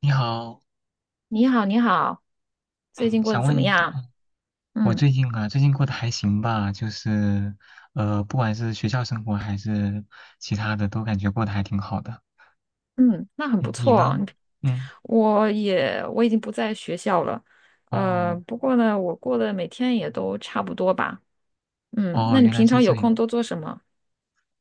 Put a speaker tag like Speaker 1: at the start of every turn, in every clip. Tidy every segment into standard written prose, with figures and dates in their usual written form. Speaker 1: 你好。
Speaker 2: 你好，你好，最近
Speaker 1: 嗯，
Speaker 2: 过得
Speaker 1: 想
Speaker 2: 怎
Speaker 1: 问
Speaker 2: 么
Speaker 1: 一下
Speaker 2: 样？
Speaker 1: 啊。我
Speaker 2: 嗯
Speaker 1: 最近啊，最近过得还行吧？就是，不管是学校生活还是其他的，都感觉过得还挺好的。
Speaker 2: 嗯，那很不
Speaker 1: 嗯，你
Speaker 2: 错
Speaker 1: 呢？
Speaker 2: 哦你。
Speaker 1: 嗯。
Speaker 2: 我也已经不在学校了。
Speaker 1: 哦。
Speaker 2: 不过呢，我过得每天也都差不多吧。嗯，
Speaker 1: 哦，
Speaker 2: 那你
Speaker 1: 原来
Speaker 2: 平
Speaker 1: 是
Speaker 2: 常有
Speaker 1: 这
Speaker 2: 空
Speaker 1: 样。
Speaker 2: 都做什么？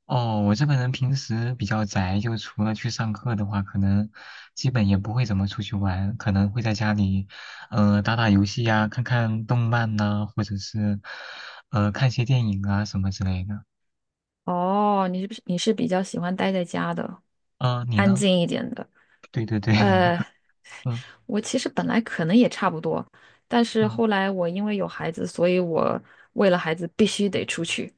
Speaker 1: 哦，我这个人平时比较宅，就除了去上课的话，可能基本也不会怎么出去玩，可能会在家里，打打游戏呀、看看动漫呐、或者是，看些电影啊什么之类的。
Speaker 2: 哦，你是不是你是比较喜欢待在家的，
Speaker 1: 嗯、你
Speaker 2: 安
Speaker 1: 呢？
Speaker 2: 静一点的？
Speaker 1: 对对对。
Speaker 2: 呃，
Speaker 1: 嗯
Speaker 2: 我其实本来可能也差不多，但是
Speaker 1: 嗯。
Speaker 2: 后来我因为有孩子，所以我为了孩子必须得出去。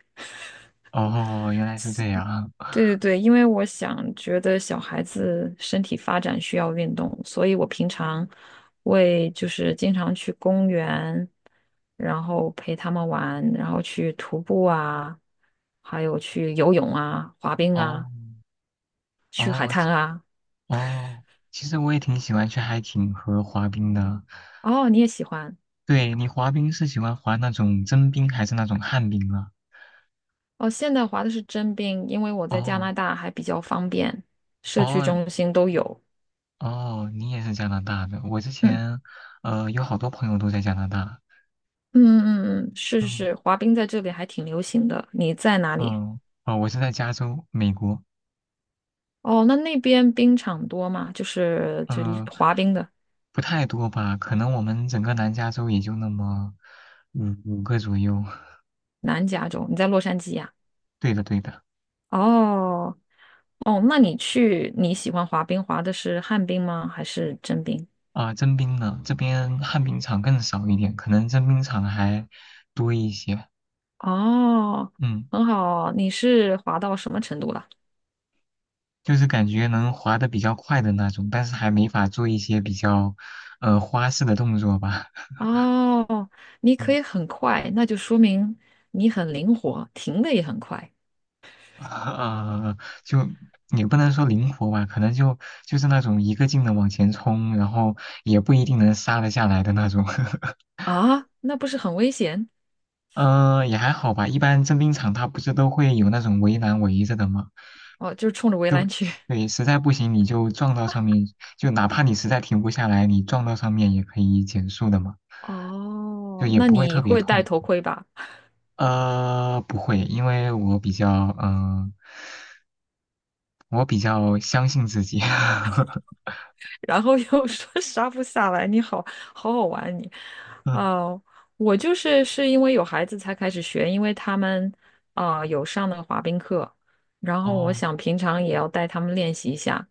Speaker 1: 哦，原来是这样。
Speaker 2: 对对对，因为我想觉得小孩子身体发展需要运动，所以我平常会就是经常去公园，然后陪他们玩，然后去徒步啊，还有去游泳啊、滑冰啊、
Speaker 1: 哦。
Speaker 2: 去海
Speaker 1: 哦。
Speaker 2: 滩啊。
Speaker 1: 哦，其实我也挺喜欢去海景和滑冰的。
Speaker 2: 哦，你也喜欢？
Speaker 1: 对，你滑冰是喜欢滑那种真冰还是那种旱冰啊？
Speaker 2: 哦，现在滑的是真冰，因为我在加拿
Speaker 1: 哦。
Speaker 2: 大还比较方便，社区
Speaker 1: 哦。
Speaker 2: 中心都有。
Speaker 1: 哦，你也是加拿大的。我之
Speaker 2: 嗯
Speaker 1: 前，有好多朋友都在加拿大。
Speaker 2: 嗯嗯嗯，嗯，是是
Speaker 1: 嗯
Speaker 2: 是，滑冰在这里还挺流行的。你在哪里？
Speaker 1: 嗯。哦，我是在加州，美国。
Speaker 2: 哦，那那边冰场多吗？就是
Speaker 1: 嗯，
Speaker 2: 滑冰的。
Speaker 1: 不太多吧，可能我们整个南加州也就那么五个左右。
Speaker 2: 南加州。你在洛杉矶呀。
Speaker 1: 对的，对的。
Speaker 2: 哦哦，那你喜欢滑冰，滑的是旱冰吗？还是真冰？
Speaker 1: 啊，征兵呢，这边旱冰场更少一点，可能征兵场还多一些。
Speaker 2: 哦，
Speaker 1: 嗯，
Speaker 2: 很好，你是滑到什么程度了？
Speaker 1: 就是感觉能滑得比较快的那种，但是还没法做一些比较花式的动作吧。
Speaker 2: 哦，你可
Speaker 1: 嗯，
Speaker 2: 以很快，那就说明你很灵活，停的也很快。
Speaker 1: 呃，就也不能说灵活吧，可能就是那种一个劲的往前冲，然后也不一定能刹得下来的那种。
Speaker 2: 啊，那不是很危险？
Speaker 1: 也还好吧，一般征兵场它不是都会有那种围栏围着的吗？
Speaker 2: 哦，就是冲着围
Speaker 1: 就
Speaker 2: 栏去。
Speaker 1: 对，实在不行你就撞到上面，就哪怕你实在停不下来，你撞到上面也可以减速的嘛，就
Speaker 2: 哦，
Speaker 1: 也
Speaker 2: 那
Speaker 1: 不会特
Speaker 2: 你
Speaker 1: 别
Speaker 2: 会戴
Speaker 1: 痛。
Speaker 2: 头盔吧？
Speaker 1: 不会，因为我比较相信自己。
Speaker 2: 然后又 说杀不下来，你好好好玩你。
Speaker 1: 嗯。
Speaker 2: 哦、我就是是因为有孩子才开始学，因为他们啊、有上那个滑冰课，然后我
Speaker 1: 哦。
Speaker 2: 想平常也要带他们练习一下。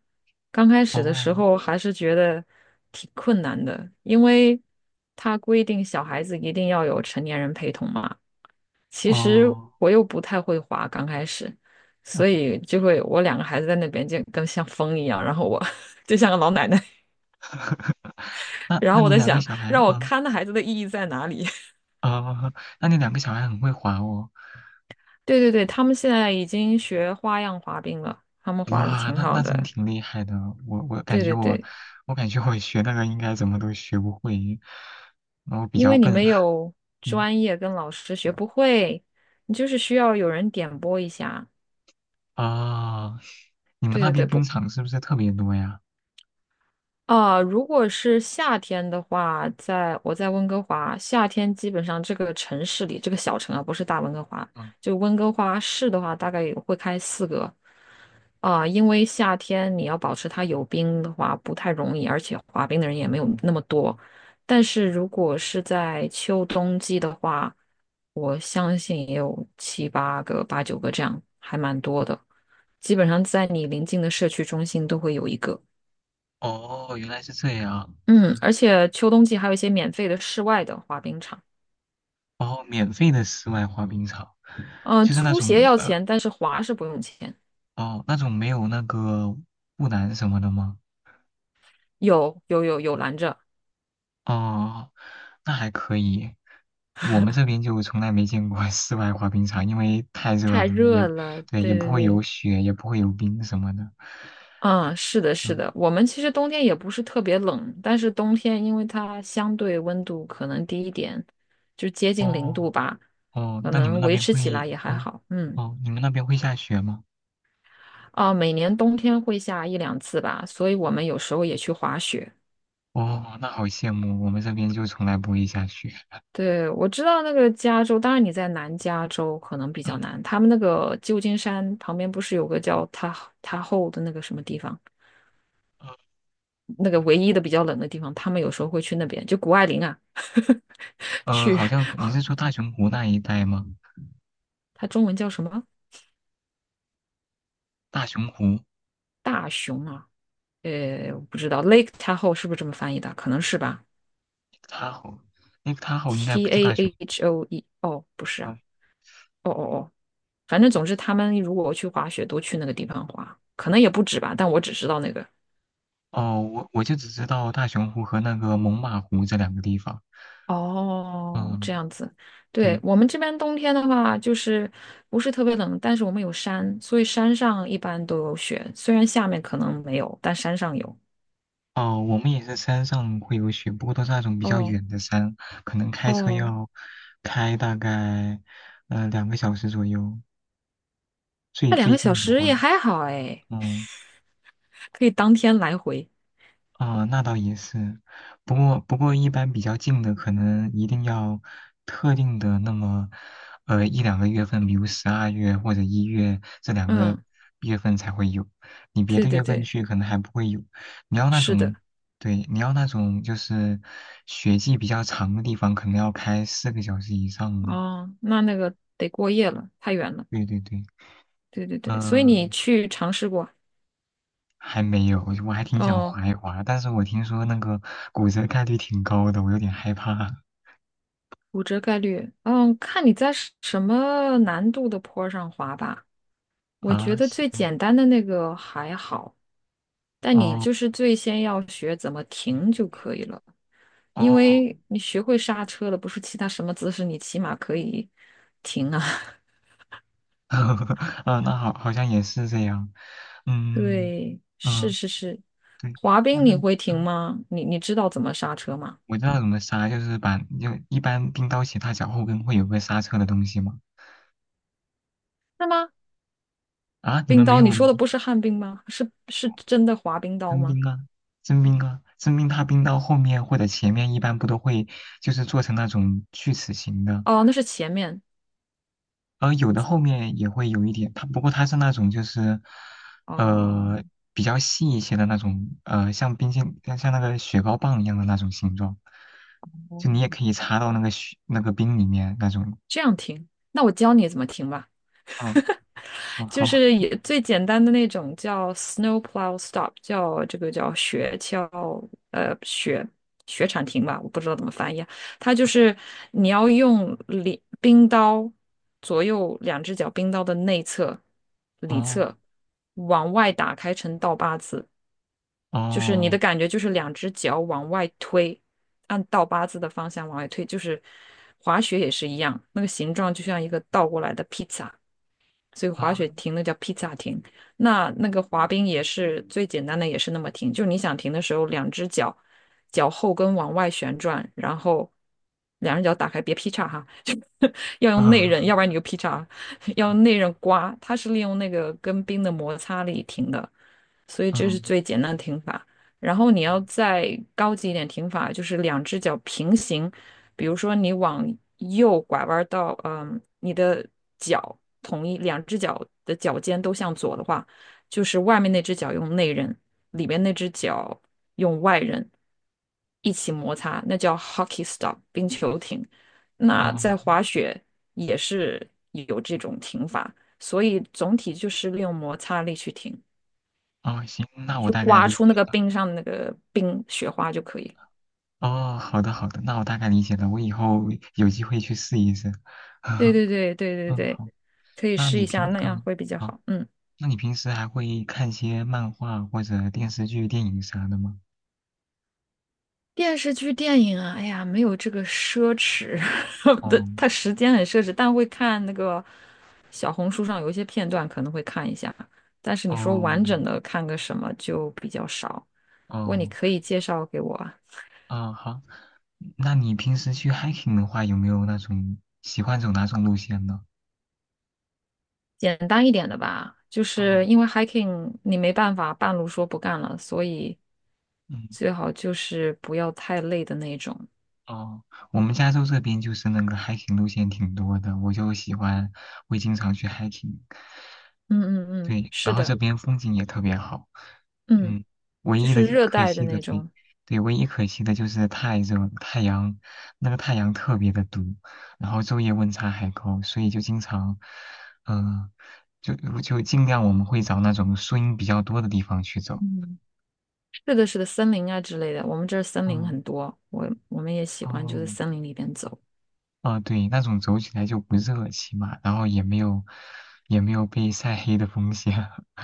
Speaker 2: 刚开始的时
Speaker 1: 哦。
Speaker 2: 候还是觉得挺困难的，因为他规定小孩子一定要有成年人陪同嘛。其实
Speaker 1: 哦。
Speaker 2: 我又不太会滑，刚开始，
Speaker 1: 嗯。
Speaker 2: 所以就会我两个孩子在那边就跟像风一样，然后我 就像个老奶奶。
Speaker 1: 那
Speaker 2: 然
Speaker 1: 那
Speaker 2: 后我
Speaker 1: 你
Speaker 2: 在
Speaker 1: 两个
Speaker 2: 想，
Speaker 1: 小孩，
Speaker 2: 让我
Speaker 1: 嗯。
Speaker 2: 看的孩子的意义在哪里？
Speaker 1: 哦，那你两个小孩很会滑哦。
Speaker 2: 对对对，他们现在已经学花样滑冰了，他们滑的
Speaker 1: 哇，
Speaker 2: 挺
Speaker 1: 那
Speaker 2: 好
Speaker 1: 那真
Speaker 2: 的。
Speaker 1: 挺厉害的。我我感
Speaker 2: 对
Speaker 1: 觉
Speaker 2: 对
Speaker 1: 我，
Speaker 2: 对，
Speaker 1: 我感觉我学那个应该怎么都学不会，然后比
Speaker 2: 因
Speaker 1: 较
Speaker 2: 为你
Speaker 1: 笨。
Speaker 2: 没 有
Speaker 1: 嗯
Speaker 2: 专业跟老师学不会，你就是需要有人点拨一下。
Speaker 1: 啊，你们
Speaker 2: 对
Speaker 1: 那
Speaker 2: 对
Speaker 1: 边
Speaker 2: 对，
Speaker 1: 冰
Speaker 2: 不，
Speaker 1: 场是不是特别多呀？
Speaker 2: 啊、如果是夏天的话，在温哥华，夏天基本上这个城市里，这个小城啊，不是大温哥华，
Speaker 1: 嗯。
Speaker 2: 就温哥华市的话，大概也会开四个。因为夏天你要保持它有冰的话不太容易，而且滑冰的人也没有那么多。但是如果是在秋冬季的话，我相信也有七八个、八九个这样，还蛮多的。基本上在你临近的社区中心都会有一个。
Speaker 1: 哦，原来是这样。
Speaker 2: 嗯，而且秋冬季还有一些免费的室外的滑冰场。
Speaker 1: 哦，免费的室外滑冰场，
Speaker 2: 嗯、
Speaker 1: 就是那
Speaker 2: 租
Speaker 1: 种
Speaker 2: 鞋要钱，但是滑是不用钱。
Speaker 1: 哦，那种没有那个护栏什么的吗？
Speaker 2: 有有有有拦着。
Speaker 1: 哦，那还可以。我们这边就从来没见过 室外滑冰场，因为太热了，
Speaker 2: 太
Speaker 1: 也
Speaker 2: 热了。
Speaker 1: 对，也
Speaker 2: 对
Speaker 1: 不
Speaker 2: 对
Speaker 1: 会有
Speaker 2: 对。
Speaker 1: 雪，也不会有冰什么的。
Speaker 2: 嗯，是的，是
Speaker 1: 嗯。
Speaker 2: 的，我们其实冬天也不是特别冷，但是冬天因为它相对温度可能低一点，就接近零
Speaker 1: 哦
Speaker 2: 度吧，
Speaker 1: 哦，
Speaker 2: 可
Speaker 1: 那你们
Speaker 2: 能
Speaker 1: 那
Speaker 2: 维
Speaker 1: 边
Speaker 2: 持起来
Speaker 1: 会，
Speaker 2: 也还
Speaker 1: 嗯，
Speaker 2: 好。嗯，
Speaker 1: 哦，你们那边会下雪吗？
Speaker 2: 啊，每年冬天会下一两次吧，所以我们有时候也去滑雪。
Speaker 1: 哦，那好羡慕，我们这边就从来不会下雪。
Speaker 2: 对，我知道那个加州，当然你在南加州可能比较
Speaker 1: 嗯，
Speaker 2: 难，他们那个旧金山旁边不是有个叫塔后的那个什么地方，
Speaker 1: 呃，
Speaker 2: 那个唯一的比较冷的地方，他们有时候会去那边，就谷爱凌啊，去。
Speaker 1: 好像你是说大熊湖那一带吗？
Speaker 2: 它中文叫什么？
Speaker 1: 大熊湖，Lake
Speaker 2: 大熊啊？我不知道 Lake Tahoe 是不是这么翻译的？可能是吧。
Speaker 1: Tahoe Tahoe 应该不
Speaker 2: T
Speaker 1: 是
Speaker 2: A
Speaker 1: 大熊。
Speaker 2: H O E 哦，不是啊。哦哦哦，反正总之他们如果去滑雪都去那个地方滑，可能也不止吧，但我只知道那个。
Speaker 1: 哦，我就只知道大熊湖和那个猛犸湖这2个地方。
Speaker 2: 哦，
Speaker 1: 嗯，
Speaker 2: 这样子。对，
Speaker 1: 对。
Speaker 2: 我们这边冬天的话，就是不是特别冷，但是我们有山，所以山上一般都有雪。虽然下面可能没有，但山上有。
Speaker 1: 哦，我们也是山上会有雪，不过都是那种比较
Speaker 2: 哦
Speaker 1: 远的山，可能开车
Speaker 2: 哦，
Speaker 1: 要开大概2个小时左右。最
Speaker 2: 那两
Speaker 1: 最
Speaker 2: 个小
Speaker 1: 近的
Speaker 2: 时也
Speaker 1: 话，
Speaker 2: 还好哎，
Speaker 1: 嗯。
Speaker 2: 可以当天来回。
Speaker 1: 啊、那倒也是，不过一般比较近的，可能一定要特定的那么，一两个月份，比如12月或者1月这两个
Speaker 2: 嗯，
Speaker 1: 月份才会有，你别
Speaker 2: 对
Speaker 1: 的
Speaker 2: 对
Speaker 1: 月份
Speaker 2: 对，
Speaker 1: 去可能还不会有。你要那
Speaker 2: 是的。
Speaker 1: 种，对，你要那种就是雪季比较长的地方，可能要开4个小时以上的。
Speaker 2: 哦，那那个得过夜了，太远了。
Speaker 1: 对对对，
Speaker 2: 对对对，所以你
Speaker 1: 呃，
Speaker 2: 去尝试过？
Speaker 1: 还没有，我还挺想
Speaker 2: 哦，
Speaker 1: 滑一滑，但是我听说那个骨折概率挺高的，我有点害怕
Speaker 2: 骨折概率，嗯，看你在什么难度的坡上滑吧。我觉
Speaker 1: 啊。
Speaker 2: 得
Speaker 1: 是。
Speaker 2: 最简单的那个还好，但你
Speaker 1: 哦
Speaker 2: 就是最先要学怎么停就可以了，因
Speaker 1: 哦。
Speaker 2: 为你学会刹车了，不是其他什么姿势，你起码可以停啊。
Speaker 1: 啊，那好，好像也是这样。嗯
Speaker 2: 对，是
Speaker 1: 嗯。
Speaker 2: 是是，
Speaker 1: 对。
Speaker 2: 滑
Speaker 1: 那
Speaker 2: 冰
Speaker 1: 那
Speaker 2: 你会停
Speaker 1: 啊，
Speaker 2: 吗？你知道怎么刹车吗？
Speaker 1: 我知道怎么刹，就是一般冰刀鞋踏脚后跟会有个刹车的东西吗？
Speaker 2: 是吗？
Speaker 1: 啊，你
Speaker 2: 冰
Speaker 1: 们没
Speaker 2: 刀，你
Speaker 1: 有的，
Speaker 2: 说的不是旱冰吗？是真的滑冰刀
Speaker 1: 真
Speaker 2: 吗？
Speaker 1: 冰啊，真冰啊，真冰它冰刀后面或者前面一般不都会就是做成那种锯齿形的。
Speaker 2: 哦，那是前面。
Speaker 1: 有的后面也会有一点，它不过它是那种就是，
Speaker 2: 哦，
Speaker 1: 呃，比较细一些的那种，像冰淇像像那个雪糕棒一样的那种形状，就你也可以插到那个雪那个冰里面那种。
Speaker 2: 这样停。那我教你怎么停吧，
Speaker 1: 嗯嗯。
Speaker 2: 就
Speaker 1: 好。
Speaker 2: 是也最简单的那种叫 snow plow stop，叫这个叫雪橇呃雪雪铲停吧，我不知道怎么翻译啊。它就是你要用里冰刀左右两只脚冰刀的内侧、里
Speaker 1: 哦
Speaker 2: 侧往外打开成倒八字。就是你的
Speaker 1: 哦
Speaker 2: 感觉就是两只脚往外推，按倒八字的方向往外推，就是滑雪也是一样，那个形状就像一个倒过来的披萨。所以滑雪
Speaker 1: 啊。
Speaker 2: 停那叫披萨停。那那个滑冰也是最简单的，也是那么停，就你想停的时候，两只脚脚后跟往外旋转，然后两只脚打开，别劈叉哈，就要用内刃，要不然你
Speaker 1: 嗯
Speaker 2: 就劈叉，要用内刃刮。它是利用那个跟冰的摩擦力停的，所以这是
Speaker 1: 嗯。
Speaker 2: 最简单的停法。然后你要再高级一点停法，就是两只脚平行，比如说你往右拐弯到，嗯，你的脚同一两只脚的脚尖都向左的话，就是外面那只脚用内刃，里面那只脚用外刃一起摩擦，那叫 hockey stop 冰球停。那
Speaker 1: 哦
Speaker 2: 在滑雪也是有这种停法，所以总体就是利用摩擦力去停，
Speaker 1: 哦，行，那我
Speaker 2: 去
Speaker 1: 大概
Speaker 2: 刮
Speaker 1: 理
Speaker 2: 出那
Speaker 1: 解
Speaker 2: 个
Speaker 1: 了。
Speaker 2: 冰上的那个冰雪花就可以。
Speaker 1: 哦，好的好的，那我大概理解了，我以后有机会去试一试。
Speaker 2: 对 对对对对
Speaker 1: 嗯，
Speaker 2: 对，
Speaker 1: 好。
Speaker 2: 可以
Speaker 1: 那
Speaker 2: 试
Speaker 1: 你
Speaker 2: 一下，
Speaker 1: 平
Speaker 2: 那样
Speaker 1: 嗯。
Speaker 2: 会比较
Speaker 1: 好
Speaker 2: 好。嗯。
Speaker 1: 那你平时还会看些漫画或者电视剧、电影啥的吗？
Speaker 2: 电视剧、电影啊，哎呀，没有这个奢侈 的，它
Speaker 1: 哦
Speaker 2: 时间很奢侈，但会看那个小红书上有一些片段，可能会看一下。但是你说完
Speaker 1: 哦
Speaker 2: 整的看个什么就比较少。不过你
Speaker 1: 哦
Speaker 2: 可以介绍给我啊。
Speaker 1: 哦，好。那你平时去 hiking 的话，有没有那种喜欢走哪种路线呢？
Speaker 2: 简单一点的吧，就是
Speaker 1: 哦。
Speaker 2: 因为 hiking 你没办法半路说不干了，所以
Speaker 1: 嗯。
Speaker 2: 最好就是不要太累的那种。
Speaker 1: 哦，我们加州这边就是那个 hiking 路线挺多的，我就喜欢，会经常去 hiking。
Speaker 2: 嗯嗯嗯，
Speaker 1: 对，然
Speaker 2: 是
Speaker 1: 后
Speaker 2: 的，
Speaker 1: 这边风景也特别好，
Speaker 2: 嗯，
Speaker 1: 嗯，唯
Speaker 2: 就
Speaker 1: 一的
Speaker 2: 是热
Speaker 1: 可
Speaker 2: 带的
Speaker 1: 惜的，
Speaker 2: 那
Speaker 1: 对，
Speaker 2: 种。
Speaker 1: 对，唯一可惜的就是太热了那个太阳特别的毒，然后昼夜温差还高，所以就经常，嗯、就就尽量我们会找那种树荫比较多的地方去走。
Speaker 2: 嗯。是的，是的，森林啊之类的，我们这儿森林
Speaker 1: 嗯。
Speaker 2: 很多，我们也喜欢就
Speaker 1: 哦。
Speaker 2: 在森林里边走。
Speaker 1: 啊，对，那种走起来就不热，起码，然后也没有被晒黑的风险。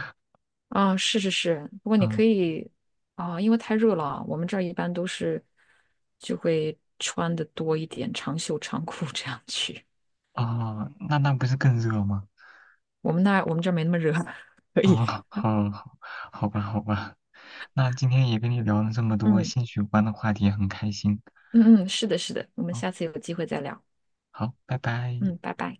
Speaker 2: 啊，是是是，不过你
Speaker 1: 嗯。
Speaker 2: 可以。啊，因为太热了啊，我们这儿一般都是就会穿的多一点，长袖长裤这样去。
Speaker 1: 哦，那不是更热吗？
Speaker 2: 我们这儿没那么热。
Speaker 1: 哦，好，好，好吧，好吧，那今天也跟你聊了这么 多
Speaker 2: 嗯
Speaker 1: 兴趣有关的话题，很开心。
Speaker 2: 嗯嗯，是的，是的，我们
Speaker 1: 好，
Speaker 2: 下次有机会再聊。
Speaker 1: 好，拜拜。
Speaker 2: 嗯，拜拜。